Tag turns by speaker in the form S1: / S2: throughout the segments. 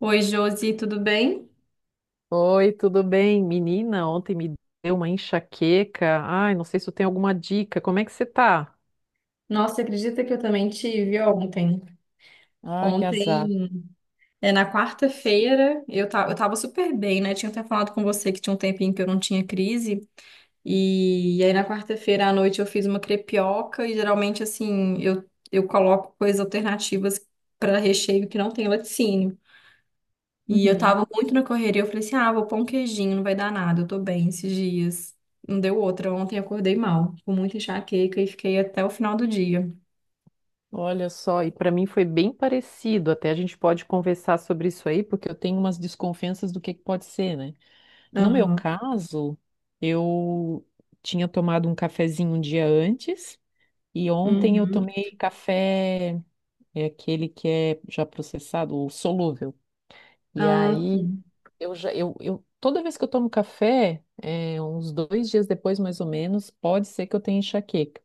S1: Oi, Josi, tudo bem?
S2: Oi, tudo bem? Menina, ontem me deu uma enxaqueca. Ai, não sei se tu tem alguma dica. Como é que você tá?
S1: Nossa, acredita que eu também tive ontem?
S2: Ah, que azar.
S1: Ontem, na quarta-feira, eu tava super bem, né? Tinha até falado com você que tinha um tempinho que eu não tinha crise. E aí, na quarta-feira à noite, eu fiz uma crepioca. E geralmente, assim, eu coloco coisas alternativas para recheio que não tem laticínio. E eu
S2: Uhum.
S1: tava muito na correria. Eu falei assim: ah, vou pôr um queijinho, não vai dar nada, eu tô bem esses dias. Não deu outra. Ontem eu acordei mal, com muita enxaqueca e fiquei até o final do dia.
S2: Olha só, e para mim foi bem parecido. Até a gente pode conversar sobre isso aí, porque eu tenho umas desconfianças do que pode ser, né? No meu
S1: Aham.
S2: caso, eu tinha tomado um cafezinho um dia antes e ontem eu
S1: Uhum.
S2: tomei café, é aquele que é já processado, o solúvel. E
S1: Ah,
S2: aí,
S1: sim.
S2: Eu já, eu, toda vez que eu tomo café, uns 2 dias depois, mais ou menos, pode ser que eu tenha enxaqueca.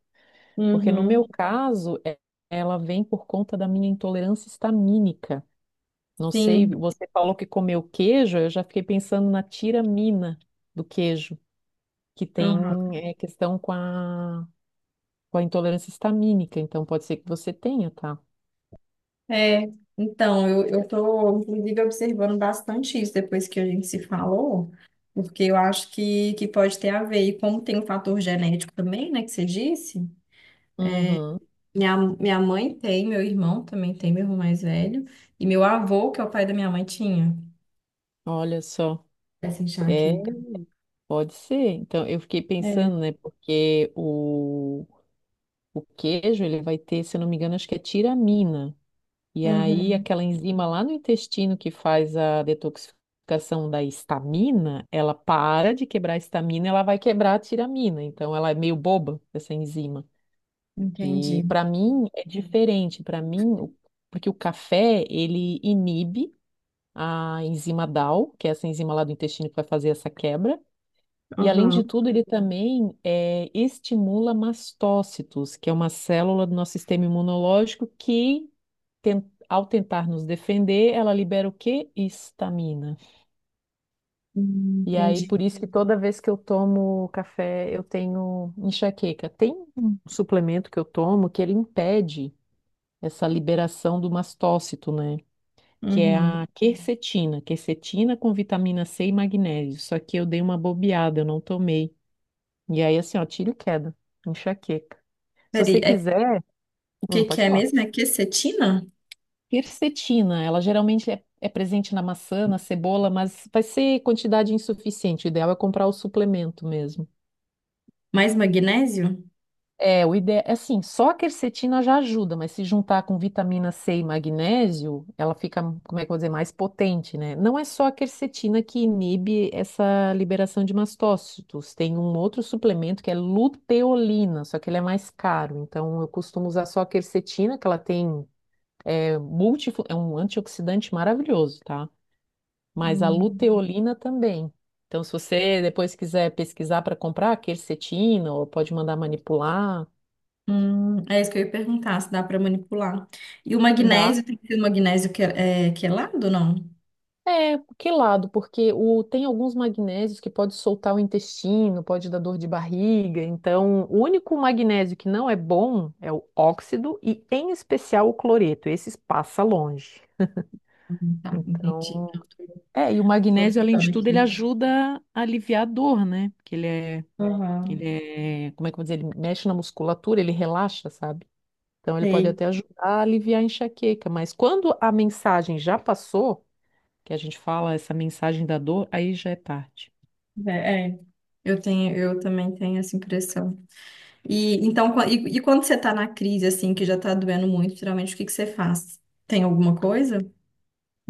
S2: Porque no meu
S1: Uhum.
S2: caso, ela vem por conta da minha intolerância histamínica. Não sei,
S1: Sim.
S2: você falou que comeu queijo, eu já fiquei pensando na tiramina do queijo, que tem,
S1: Aham.
S2: questão com a intolerância histamínica. Então, pode ser que você tenha, tá?
S1: É, então, eu tô, inclusive, observando bastante isso depois que a gente se falou, porque eu acho que pode ter a ver. E como tem o fator genético também, né, que você disse,
S2: Uhum.
S1: minha mãe tem, meu irmão também tem, meu irmão mais velho, e meu avô, que é o pai da minha mãe, tinha
S2: Olha só.
S1: essa
S2: É,
S1: enxaqueca.
S2: pode ser. Então, eu fiquei pensando,
S1: É.
S2: né, porque o queijo, ele vai ter, se eu não me engano, acho que é tiramina. E aí,
S1: Uhum.
S2: aquela enzima lá no intestino que faz a detoxificação da histamina, ela para de quebrar a histamina, ela vai quebrar a tiramina. Então, ela é meio boba, essa enzima.
S1: Entendi.
S2: E para mim é diferente. Para mim, porque o café, ele inibe a enzima DAO, que é essa enzima lá do intestino que vai fazer essa quebra. E além de
S1: Aham.
S2: tudo, ele também estimula mastócitos, que é uma célula do nosso sistema imunológico que, ten- ao tentar nos defender, ela libera o quê? Histamina.
S1: Uhum.
S2: E aí,
S1: Entendi.
S2: por isso que toda vez que eu tomo café, eu tenho enxaqueca. Tem um suplemento que eu tomo que ele impede essa liberação do mastócito, né? Que é
S1: Uhum.
S2: a quercetina. Quercetina com vitamina C e magnésio. Só que eu dei uma bobeada, eu não tomei. E aí, assim, ó, tiro e queda, enxaqueca. Se
S1: Peraí,
S2: você
S1: é,
S2: quiser,
S1: o que que
S2: pode
S1: é
S2: falar.
S1: mesmo? É quercetina?
S2: Quercetina, ela geralmente é presente na maçã, na cebola, mas vai ser quantidade insuficiente. O ideal é comprar o suplemento mesmo.
S1: Mais magnésio?
S2: É, o ideal é assim, só a quercetina já ajuda, mas se juntar com vitamina C e magnésio, ela fica, como é que eu vou dizer, mais potente, né? Não é só a quercetina que inibe essa liberação de mastócitos, tem um outro suplemento que é luteolina, só que ele é mais caro, então eu costumo usar só a quercetina, que ela tem é um antioxidante maravilhoso, tá? Mas a
S1: Hum.
S2: luteolina também. Então, se você depois quiser pesquisar para comprar a quercetina, ou pode mandar manipular,
S1: É isso que eu ia perguntar, se dá para manipular. E o
S2: dá.
S1: magnésio, tem que ser o magnésio que é quelado, ou não?
S2: É, que lado? Porque tem alguns magnésios que pode soltar o intestino, pode dar dor de barriga. Então, o único magnésio que não é bom é o óxido e, em especial, o cloreto. Esses passa longe.
S1: Tá, entendi.
S2: Então, e o
S1: Tô
S2: magnésio, além
S1: anotando
S2: de tudo, ele
S1: aqui.
S2: ajuda a aliviar a dor, né? Porque ele é,
S1: Aham,
S2: ele é, como é que eu vou dizer? Ele mexe na musculatura, ele relaxa, sabe? Então, ele pode
S1: sei.
S2: até ajudar a aliviar a enxaqueca. Mas quando a mensagem já passou que a gente fala essa mensagem da dor, aí já é tarde.
S1: É, é. Eu também tenho essa impressão. E então, e quando você tá na crise, assim, que já tá doendo muito, geralmente o que que você faz? Tem alguma coisa?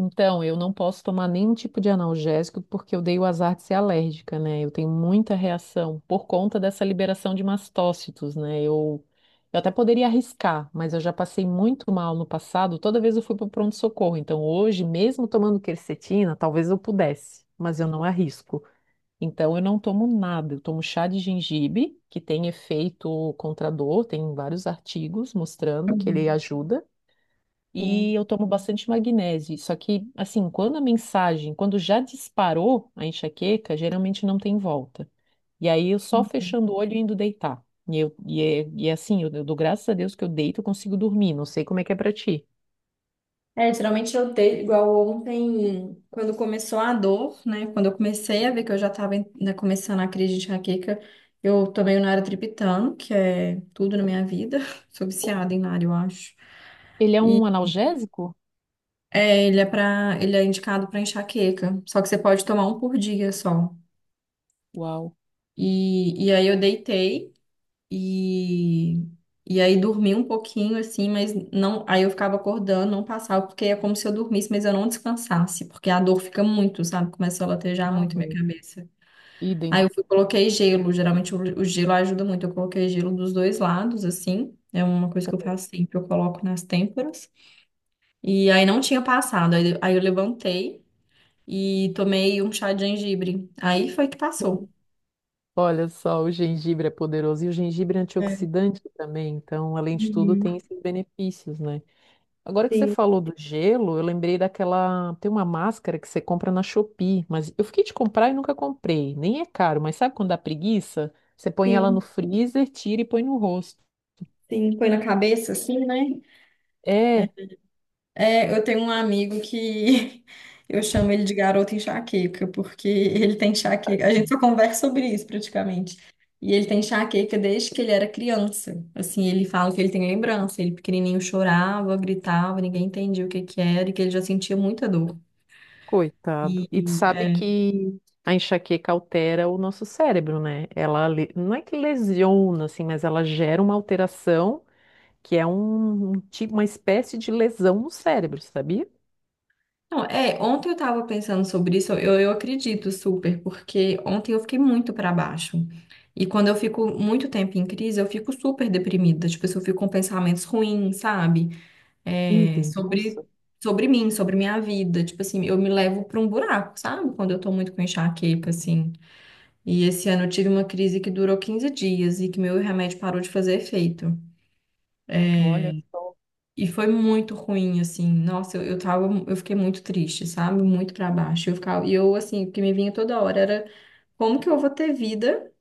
S2: Então, eu não posso tomar nenhum tipo de analgésico porque eu dei o azar de ser alérgica, né? Eu tenho muita reação por conta dessa liberação de mastócitos, né? Eu até poderia arriscar, mas eu já passei muito mal no passado, toda vez eu fui para o pronto-socorro. Então, hoje, mesmo tomando quercetina, talvez eu pudesse, mas eu não arrisco. Então, eu não tomo nada. Eu tomo chá de gengibre, que tem efeito contra a dor, tem vários artigos mostrando que ele ajuda. E
S1: Uhum.
S2: eu tomo bastante magnésio. Só que, assim, quando a mensagem, quando já disparou a enxaqueca, geralmente não tem volta. E aí eu só fechando o olho e indo deitar. E é assim, eu dou graças a Deus que eu deito e consigo dormir. Não sei como é que é pra ti.
S1: É, geralmente eu dei, igual ontem, quando começou a dor, né? Quando eu comecei a ver que eu já estava começando a crise de enxaqueca, eu tomei o Naratriptano, que é tudo na minha vida. Sou viciada em Nara, eu acho.
S2: Ele é
S1: E
S2: um analgésico?
S1: É, ele é indicado para enxaqueca, só que você pode tomar um por dia só.
S2: Uau.
S1: E aí eu deitei. E, e aí dormi um pouquinho assim, mas não, aí eu ficava acordando, não passava, porque é como se eu dormisse, mas eu não descansasse, porque a dor fica muito, sabe? Começou a latejar muito minha
S2: Aham.
S1: cabeça. Aí
S2: Idem.
S1: eu fui, coloquei gelo, geralmente o gelo ajuda muito, eu coloquei gelo dos dois lados assim. É uma coisa que eu faço sempre, eu coloco nas têmporas. E aí não tinha passado. Aí eu levantei e tomei um chá de gengibre. Aí foi que passou.
S2: Olha só, o gengibre é poderoso e o gengibre é
S1: É.
S2: antioxidante também. Então, além de tudo, tem
S1: Uhum.
S2: esses benefícios, né? Agora que você
S1: Sim,
S2: falou do gelo, eu lembrei daquela. Tem uma máscara que você compra na Shopee, mas eu fiquei de comprar e nunca comprei. Nem é caro, mas sabe quando dá preguiça? Você põe ela no
S1: sim,
S2: freezer, tira e põe no rosto.
S1: sim. Foi na cabeça, assim, né?
S2: É,
S1: É, eu tenho um amigo que eu chamo ele de garoto enxaqueca, porque ele tem enxaqueca. A gente só conversa sobre isso praticamente. E ele tem enxaqueca desde que ele era criança. Assim, ele fala que ele tem lembrança. Ele pequenininho chorava, gritava, ninguém entendia o que que era e que ele já sentia muita dor.
S2: coitado.
S1: E,
S2: E tu sabe
S1: é,
S2: que a enxaqueca altera o nosso cérebro, né? Ela não é que lesiona, assim, mas ela gera uma alteração que é um tipo, uma espécie de lesão no cérebro, sabia?
S1: não, é, Ontem eu tava pensando sobre isso, eu acredito super, porque ontem eu fiquei muito pra baixo. E quando eu fico muito tempo em crise, eu fico super deprimida. Tipo, assim, eu fico com pensamentos ruins, sabe? é,
S2: Idem,
S1: sobre,
S2: nossa.
S1: Sobre mim, sobre minha vida. Tipo assim, eu me levo para um buraco, sabe? Quando eu tô muito com enxaqueca, assim. E esse ano eu tive uma crise que durou 15 dias e que meu remédio parou de fazer efeito.
S2: Olha só.
S1: E foi muito ruim, assim. Nossa, eu fiquei muito triste, sabe? Muito para baixo. Eu ficava, e eu, assim, o que me vinha toda hora era como que eu vou ter vida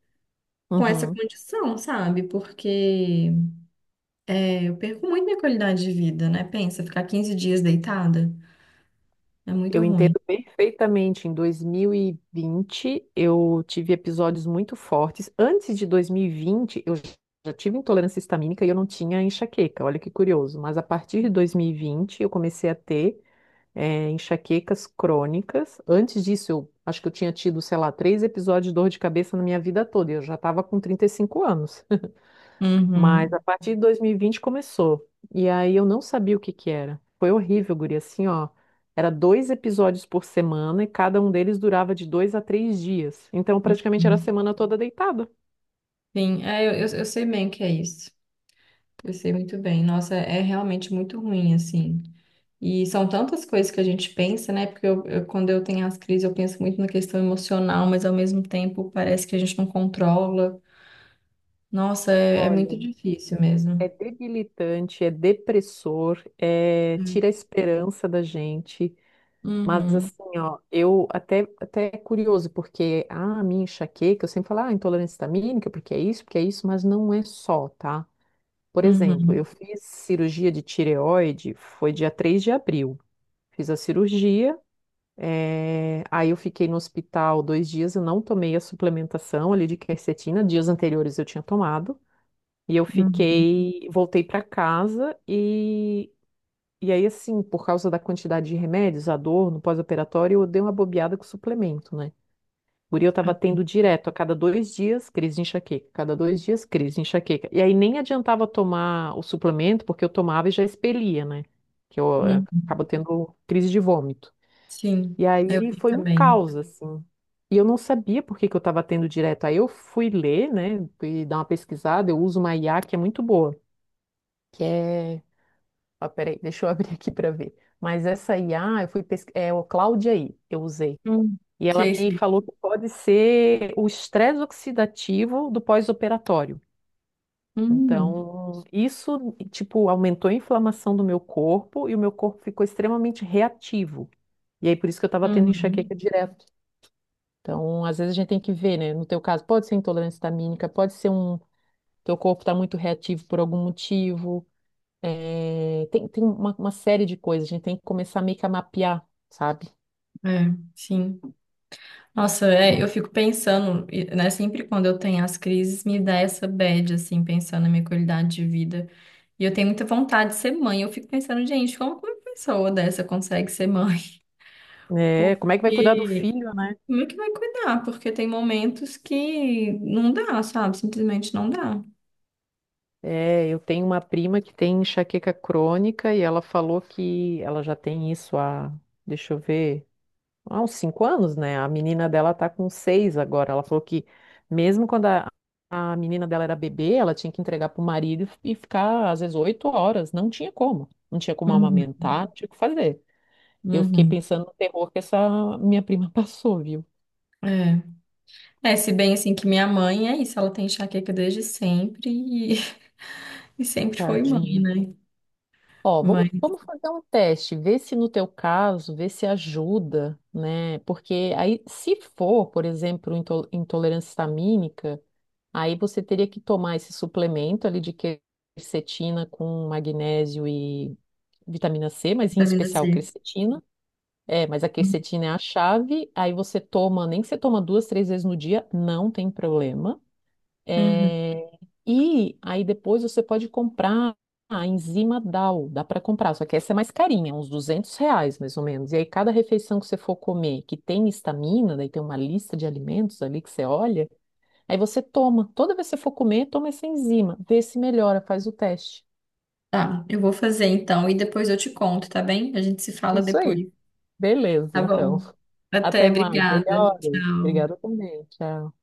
S1: com essa
S2: Uhum.
S1: condição, sabe? Porque é, eu perco muito minha qualidade de vida, né? Pensa, ficar 15 dias deitada é muito
S2: Eu
S1: ruim.
S2: entendo perfeitamente. Em 2020, eu tive episódios muito fortes. Antes de 2020, eu já tive intolerância histamínica e eu não tinha enxaqueca. Olha que curioso. Mas a partir de 2020, eu comecei a ter, enxaquecas crônicas. Antes disso, eu acho que eu tinha tido, sei lá, três episódios de dor de cabeça na minha vida toda. E eu já estava com 35 anos. Mas
S1: Uhum.
S2: a partir de 2020 começou. E aí eu não sabia o que que era. Foi horrível, guria. Assim, ó. Era dois episódios por semana e cada um deles durava de 2 a 3 dias. Então praticamente era a
S1: Uhum.
S2: semana toda deitada.
S1: Sim, é, eu sei bem o que é isso. Eu sei muito bem. Nossa, é realmente muito ruim, assim. E são tantas coisas que a gente pensa, né? Porque quando eu tenho as crises, eu penso muito na questão emocional, mas ao mesmo tempo parece que a gente não controla. Nossa, é, é
S2: Olha,
S1: muito difícil
S2: é
S1: mesmo.
S2: debilitante, é depressor,
S1: Hum.
S2: tira a esperança da gente. Mas
S1: Uhum,
S2: assim, ó, eu até é curioso, porque a minha enxaqueca, eu sempre falo, ah, intolerância histamínica, porque é isso, mas não é só, tá? Por exemplo, eu
S1: uhum,
S2: fiz cirurgia de tireoide, foi dia 3 de abril. Fiz a cirurgia, aí eu fiquei no hospital 2 dias, eu não tomei a suplementação ali de quercetina, dias anteriores eu tinha tomado, e eu
S1: uhum,
S2: fiquei, voltei para casa e aí assim, por causa da quantidade de remédios, a dor no pós-operatório, eu dei uma bobeada com o suplemento, né? Guri, eu tava tendo direto, a cada 2 dias, crise de enxaqueca, cada 2 dias, crise de enxaqueca. E aí nem adiantava tomar o suplemento, porque eu tomava e já expelia, né? Que eu
S1: uhum.
S2: acabo tendo crise de vômito.
S1: Sim,
S2: E
S1: eu
S2: aí
S1: vi
S2: foi um
S1: também.
S2: caos, assim. E eu não sabia por que que eu estava tendo direto. Aí eu fui ler, né, e dar uma pesquisada, eu uso uma IA que é muito boa. que é... Ó, peraí, deixa eu abrir aqui para ver. Mas essa IA, eu fui pesquisar, é o Cláudia aí, eu usei.
S1: Hum.
S2: E ela
S1: Sei,
S2: me
S1: sei.
S2: falou que pode ser o estresse oxidativo do pós-operatório.
S1: Uhum,
S2: Então, isso, tipo, aumentou a inflamação do meu corpo e o meu corpo ficou extremamente reativo. E aí, por isso que eu estava tendo
S1: uhum.
S2: enxaqueca direto. Então, às vezes a gente tem que ver, né? No teu caso, pode ser intolerância histamínica, pode ser teu corpo está muito reativo por algum motivo. É, tem uma série de coisas. A gente tem que começar meio que a mapear, sabe?
S1: É, sim. Nossa, é, eu fico pensando, e, né? Sempre quando eu tenho as crises, me dá essa bad, assim, pensando na minha qualidade de vida. E eu tenho muita vontade de ser mãe. Eu fico pensando, gente, como que uma pessoa dessa consegue ser mãe?
S2: É, como é que vai cuidar do
S1: Porque
S2: filho,
S1: como é que vai cuidar? Porque tem momentos que não dá, sabe? Simplesmente não dá.
S2: é, eu tenho uma prima que tem enxaqueca crônica e ela falou que ela já tem isso há, deixa eu ver, há uns 5 anos, né? A menina dela tá com 6 agora. Ela falou que mesmo quando a menina dela era bebê, ela tinha que entregar pro marido e ficar às vezes 8 horas. Não tinha como. Não tinha como
S1: Uhum,
S2: amamentar, não tinha o que fazer. Eu fiquei
S1: uhum.
S2: pensando no terror que essa minha prima passou, viu?
S1: É. É, se bem assim que minha mãe é isso, ela tem enxaqueca desde sempre e, e sempre foi mãe,
S2: Tadinha.
S1: né?
S2: Ó, vamos,
S1: Mãe,
S2: vamos fazer um teste, ver se no teu caso, ver se ajuda, né? Porque aí, se for, por exemplo, intolerância histamínica, aí você teria que tomar esse suplemento ali de quercetina com magnésio e vitamina C, mas em
S1: vitamina
S2: especial
S1: C.
S2: quercetina. É, mas a quercetina é a chave, aí você toma, nem que você toma duas, três vezes no dia, não tem problema.
S1: Uhum.
S2: É, e aí depois você pode comprar a enzima DAO, dá para comprar, só que essa é mais carinha, uns R$ 200 mais ou menos. E aí cada refeição que você for comer que tem histamina, daí tem uma lista de alimentos ali que você olha, aí você toma. Toda vez que você for comer, toma essa enzima, vê se melhora, faz o teste.
S1: Tá, eu vou fazer então e depois eu te conto, tá bem? A gente se fala
S2: Isso aí.
S1: depois,
S2: Beleza,
S1: tá
S2: então.
S1: bom? Até,
S2: Até mais.
S1: obrigada.
S2: Melhoras. Obrigada
S1: Tchau.
S2: também. Tchau.